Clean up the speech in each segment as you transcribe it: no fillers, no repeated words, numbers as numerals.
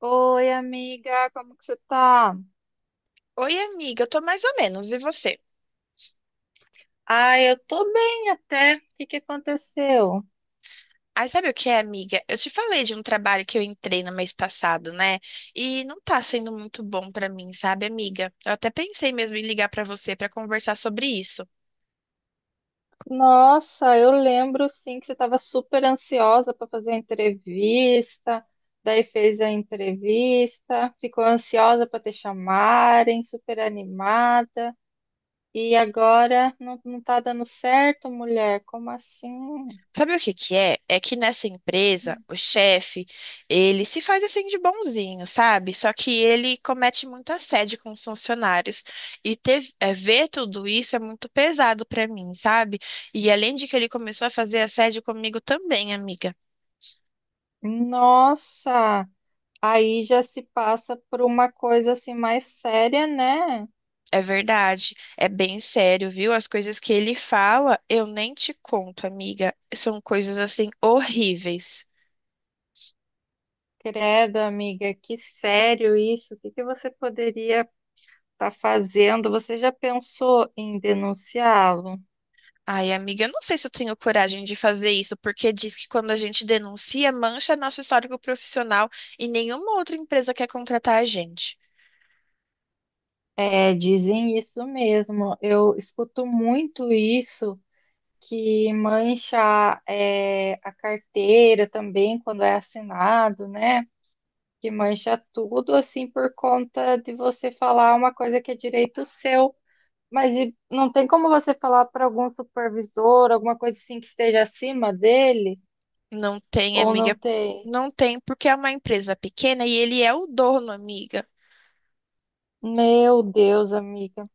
Oi, amiga, como que você tá? Oi, amiga, eu tô mais ou menos, e você? Ah, eu tô bem até. O que que aconteceu? Aí sabe o que é, amiga? Eu te falei de um trabalho que eu entrei no mês passado, né? E não tá sendo muito bom pra mim, sabe, amiga? Eu até pensei mesmo em ligar pra você pra conversar sobre isso. Nossa, eu lembro sim que você estava super ansiosa para fazer a entrevista, daí fez a entrevista, ficou ansiosa para te chamarem, super animada, e agora não, não tá dando certo, mulher? Como assim? Sabe o que que é? É que nessa empresa, o chefe, ele se faz assim de bonzinho, sabe? Só que ele comete muito assédio com os funcionários. E ver tudo isso é muito pesado pra mim, sabe? E além de que ele começou a fazer assédio comigo também, amiga. Nossa, aí já se passa por uma coisa assim mais séria, né? É verdade, é bem sério, viu? As coisas que ele fala, eu nem te conto, amiga. São coisas assim horríveis. Credo, amiga, que sério isso. O que que você poderia estar fazendo? Você já pensou em denunciá-lo? Ai, amiga, eu não sei se eu tenho coragem de fazer isso, porque diz que quando a gente denuncia, mancha nosso histórico profissional e nenhuma outra empresa quer contratar a gente. É, dizem isso mesmo. Eu escuto muito isso, que mancha, é, a carteira também quando é assinado, né? Que mancha tudo assim por conta de você falar uma coisa que é direito seu. Mas e não tem como você falar para algum supervisor, alguma coisa assim que esteja acima dele? Não tem, Ou não amiga. tem? Não tem, porque é uma empresa pequena e ele é o dono, amiga. Meu Deus, amiga.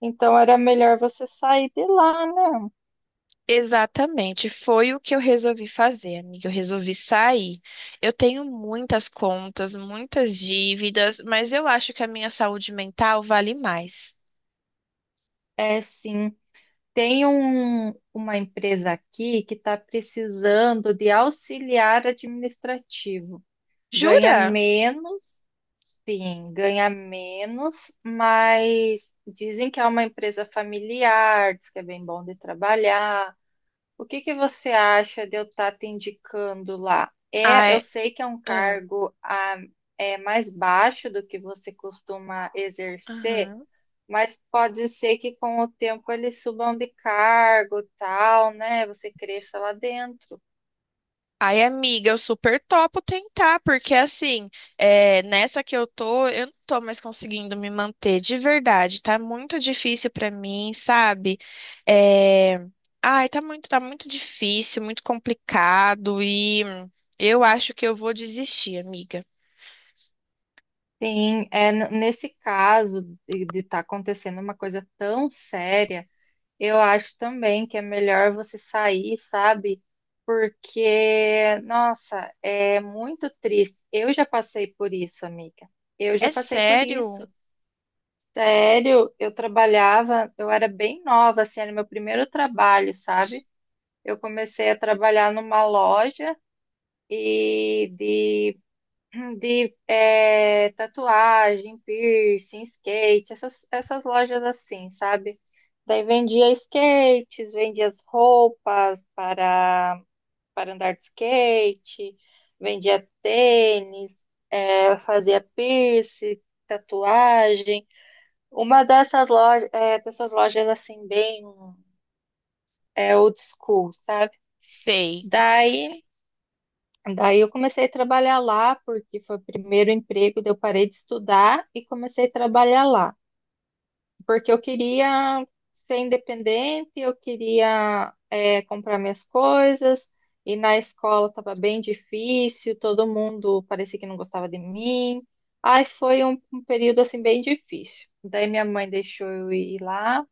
Então era melhor você sair de lá, né? Exatamente, foi o que eu resolvi fazer, amiga. Eu resolvi sair. Eu tenho muitas contas, muitas dívidas, mas eu acho que a minha saúde mental vale mais. É sim. Tem uma empresa aqui que está precisando de auxiliar administrativo. Ganha Jura? menos, sim, ganha menos, mas dizem que é uma empresa familiar, diz que é bem bom de trabalhar. O que que você acha de eu estar te indicando lá? É, eu Ai, sei que é um ah, cargo é mais baixo do que você costuma exercer, aham. mas pode ser que com o tempo eles subam de cargo, tal, né? Você cresça lá dentro. Ai, amiga, eu super topo tentar, porque assim, nessa que eu tô, eu não tô mais conseguindo me manter de verdade. Tá muito difícil pra mim, sabe? É, tá muito, tá muito difícil, muito complicado e eu acho que eu vou desistir, amiga. Sim, nesse caso de estar acontecendo uma coisa tão séria. Eu acho também que é melhor você sair, sabe? Porque, nossa, é muito triste. Eu já passei por isso, amiga. Eu já É passei por isso. sério? Sério, eu trabalhava, eu era bem nova, assim, era meu primeiro trabalho, sabe? Eu comecei a trabalhar numa loja e de tatuagem, piercing, skate, essas lojas assim, sabe? Daí vendia skates, vendia as roupas para andar de skate, vendia tênis, fazia piercing, tatuagem. Uma dessas lojas assim, bem old school, sabe? Sei. Daí Daí eu comecei a trabalhar lá, porque foi o primeiro emprego, daí eu parei de estudar e comecei a trabalhar lá, porque eu queria ser independente, eu queria comprar minhas coisas, e na escola estava bem difícil, todo mundo parecia que não gostava de mim. Aí foi um período assim bem difícil. Daí minha mãe deixou eu ir lá,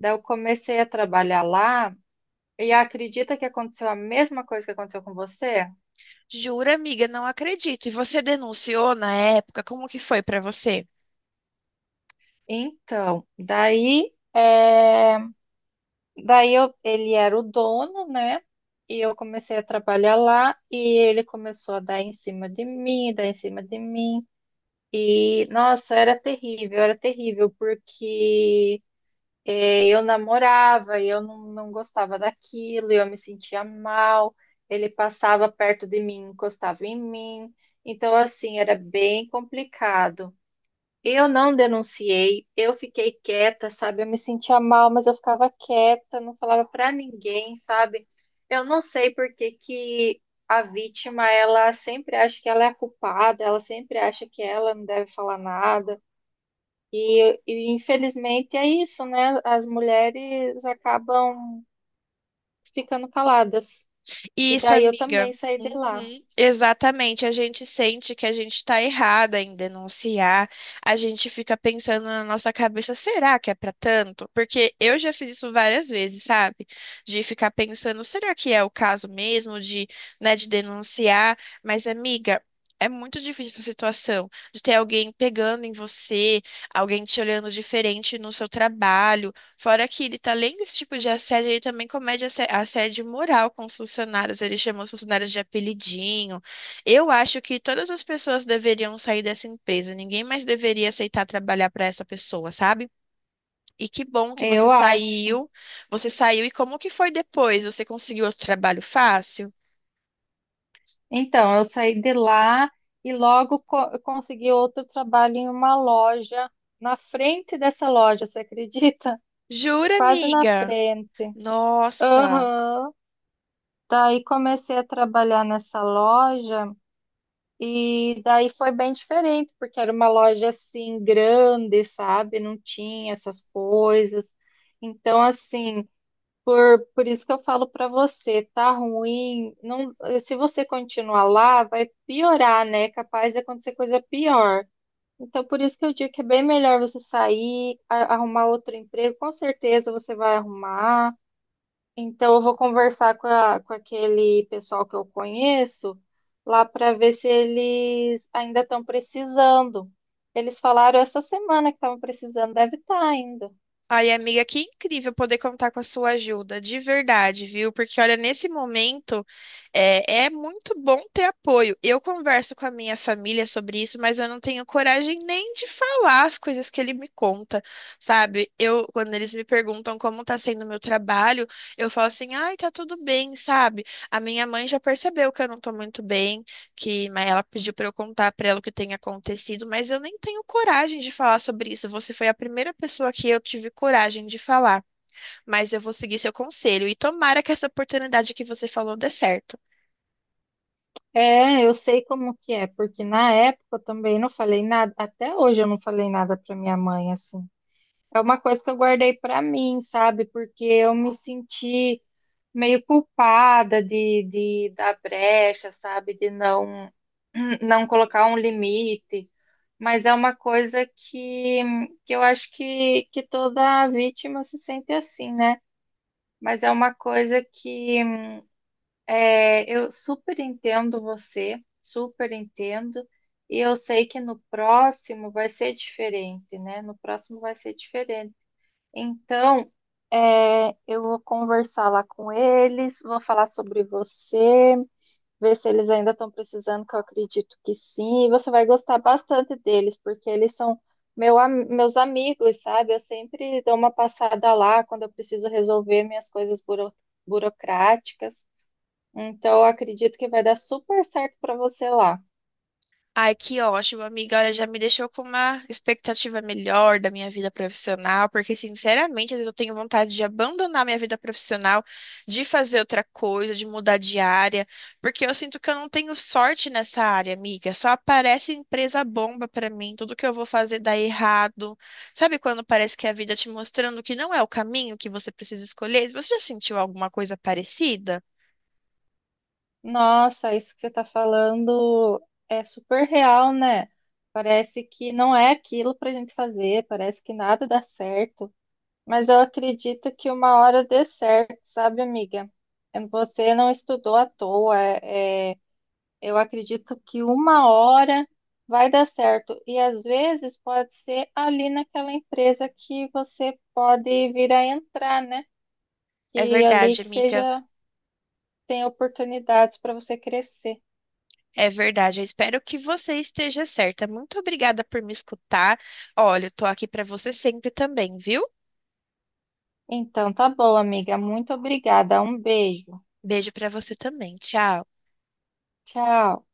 daí eu comecei a trabalhar lá, e acredita que aconteceu a mesma coisa que aconteceu com você? Jura, amiga, não acredito. E você denunciou na época? Como que foi pra você? Então, daí, ele era o dono, né? E eu comecei a trabalhar lá e ele começou a dar em cima de mim, dar em cima de mim. E, nossa, era terrível, porque eu namorava e eu não, não gostava daquilo, e eu me sentia mal. Ele passava perto de mim, encostava em mim. Então, assim, era bem complicado. Eu não denunciei, eu fiquei quieta, sabe? Eu me sentia mal, mas eu ficava quieta, não falava pra ninguém, sabe? Eu não sei por que que a vítima, ela sempre acha que ela é a culpada, ela sempre acha que ela não deve falar nada. E infelizmente é isso, né? As mulheres acabam ficando caladas. E Isso, daí eu amiga. também saí de lá, Uhum, exatamente. A gente sente que a gente está errada em denunciar. A gente fica pensando na nossa cabeça, será que é para tanto? Porque eu já fiz isso várias vezes, sabe? De ficar pensando, será que é o caso mesmo né, de denunciar? Mas, amiga, é muito difícil essa situação de ter alguém pegando em você, alguém te olhando diferente no seu trabalho. Fora que ele, tá, além desse tipo de assédio, ele também comete assédio moral com os funcionários. Ele chama os funcionários de apelidinho. Eu acho que todas as pessoas deveriam sair dessa empresa. Ninguém mais deveria aceitar trabalhar para essa pessoa, sabe? E que bom que você eu acho. saiu. Você saiu e como que foi depois? Você conseguiu outro trabalho fácil? Então, eu saí de lá e logo eu consegui outro trabalho em uma loja, na frente dessa loja, você acredita? Jura, Quase na amiga? frente. Nossa. Aham. Daí comecei a trabalhar nessa loja e daí foi bem diferente, porque era uma loja assim grande, sabe? Não tinha essas coisas. Então, assim, por isso que eu falo pra você, tá ruim. Não, se você continuar lá, vai piorar, né? Capaz de acontecer coisa pior. Então, por isso que eu digo que é bem melhor você sair, arrumar outro emprego. Com certeza você vai arrumar. Então, eu vou conversar com aquele pessoal que eu conheço lá pra ver se eles ainda estão precisando. Eles falaram essa semana que estavam precisando, deve estar ainda. Ai, amiga, que incrível poder contar com a sua ajuda, de verdade, viu? Porque, olha, nesse momento é muito bom ter apoio. Eu converso com a minha família sobre isso, mas eu não tenho coragem nem de falar as coisas que ele me conta, sabe? Eu, quando eles me perguntam como tá sendo o meu trabalho, eu falo assim, ai, tá tudo bem, sabe? A minha mãe já percebeu que eu não tô muito bem que mas ela pediu para eu contar para ela o que tem acontecido, mas eu nem tenho coragem de falar sobre isso. Você foi a primeira pessoa que eu tive coragem de falar, mas eu vou seguir seu conselho e tomara que essa oportunidade que você falou dê certo. É, eu sei como que é, porque na época eu também não falei nada, até hoje eu não falei nada pra minha mãe, assim. É uma coisa que eu guardei pra mim, sabe? Porque eu me senti meio culpada de dar brecha, sabe? De não, não colocar um limite. Mas é uma coisa que eu acho que toda vítima se sente assim, né? Mas é uma coisa que eu super entendo você, super entendo, e eu sei que no próximo vai ser diferente, né? No próximo vai ser diferente. Então, eu vou conversar lá com eles, vou falar sobre você, ver se eles ainda estão precisando, que eu acredito que sim, e você vai gostar bastante deles, porque eles são meus amigos, sabe? Eu sempre dou uma passada lá quando eu preciso resolver minhas coisas burocráticas. Então, eu acredito que vai dar super certo para você lá. Ai, que ótimo, amiga. Olha, já me deixou com uma expectativa melhor da minha vida profissional, porque, sinceramente, às vezes eu tenho vontade de abandonar minha vida profissional, de fazer outra coisa, de mudar de área, porque eu sinto que eu não tenho sorte nessa área, amiga. Só aparece empresa bomba pra mim, tudo que eu vou fazer dá errado. Sabe quando parece que a vida te mostrando que não é o caminho que você precisa escolher? Você já sentiu alguma coisa parecida? Nossa, isso que você está falando é super real, né? Parece que não é aquilo para a gente fazer, parece que nada dá certo. Mas eu acredito que uma hora dê certo, sabe, amiga? Você não estudou à toa. Eu acredito que uma hora vai dar certo. E às vezes pode ser ali naquela empresa que você pode vir a entrar, né? É E ali verdade, que amiga. seja. Tem oportunidades para você crescer. É verdade, eu espero que você esteja certa. Muito obrigada por me escutar. Olha, eu tô aqui pra você sempre também, viu? Então, tá bom, amiga. Muito obrigada. Um beijo. Beijo pra você também. Tchau. Tchau.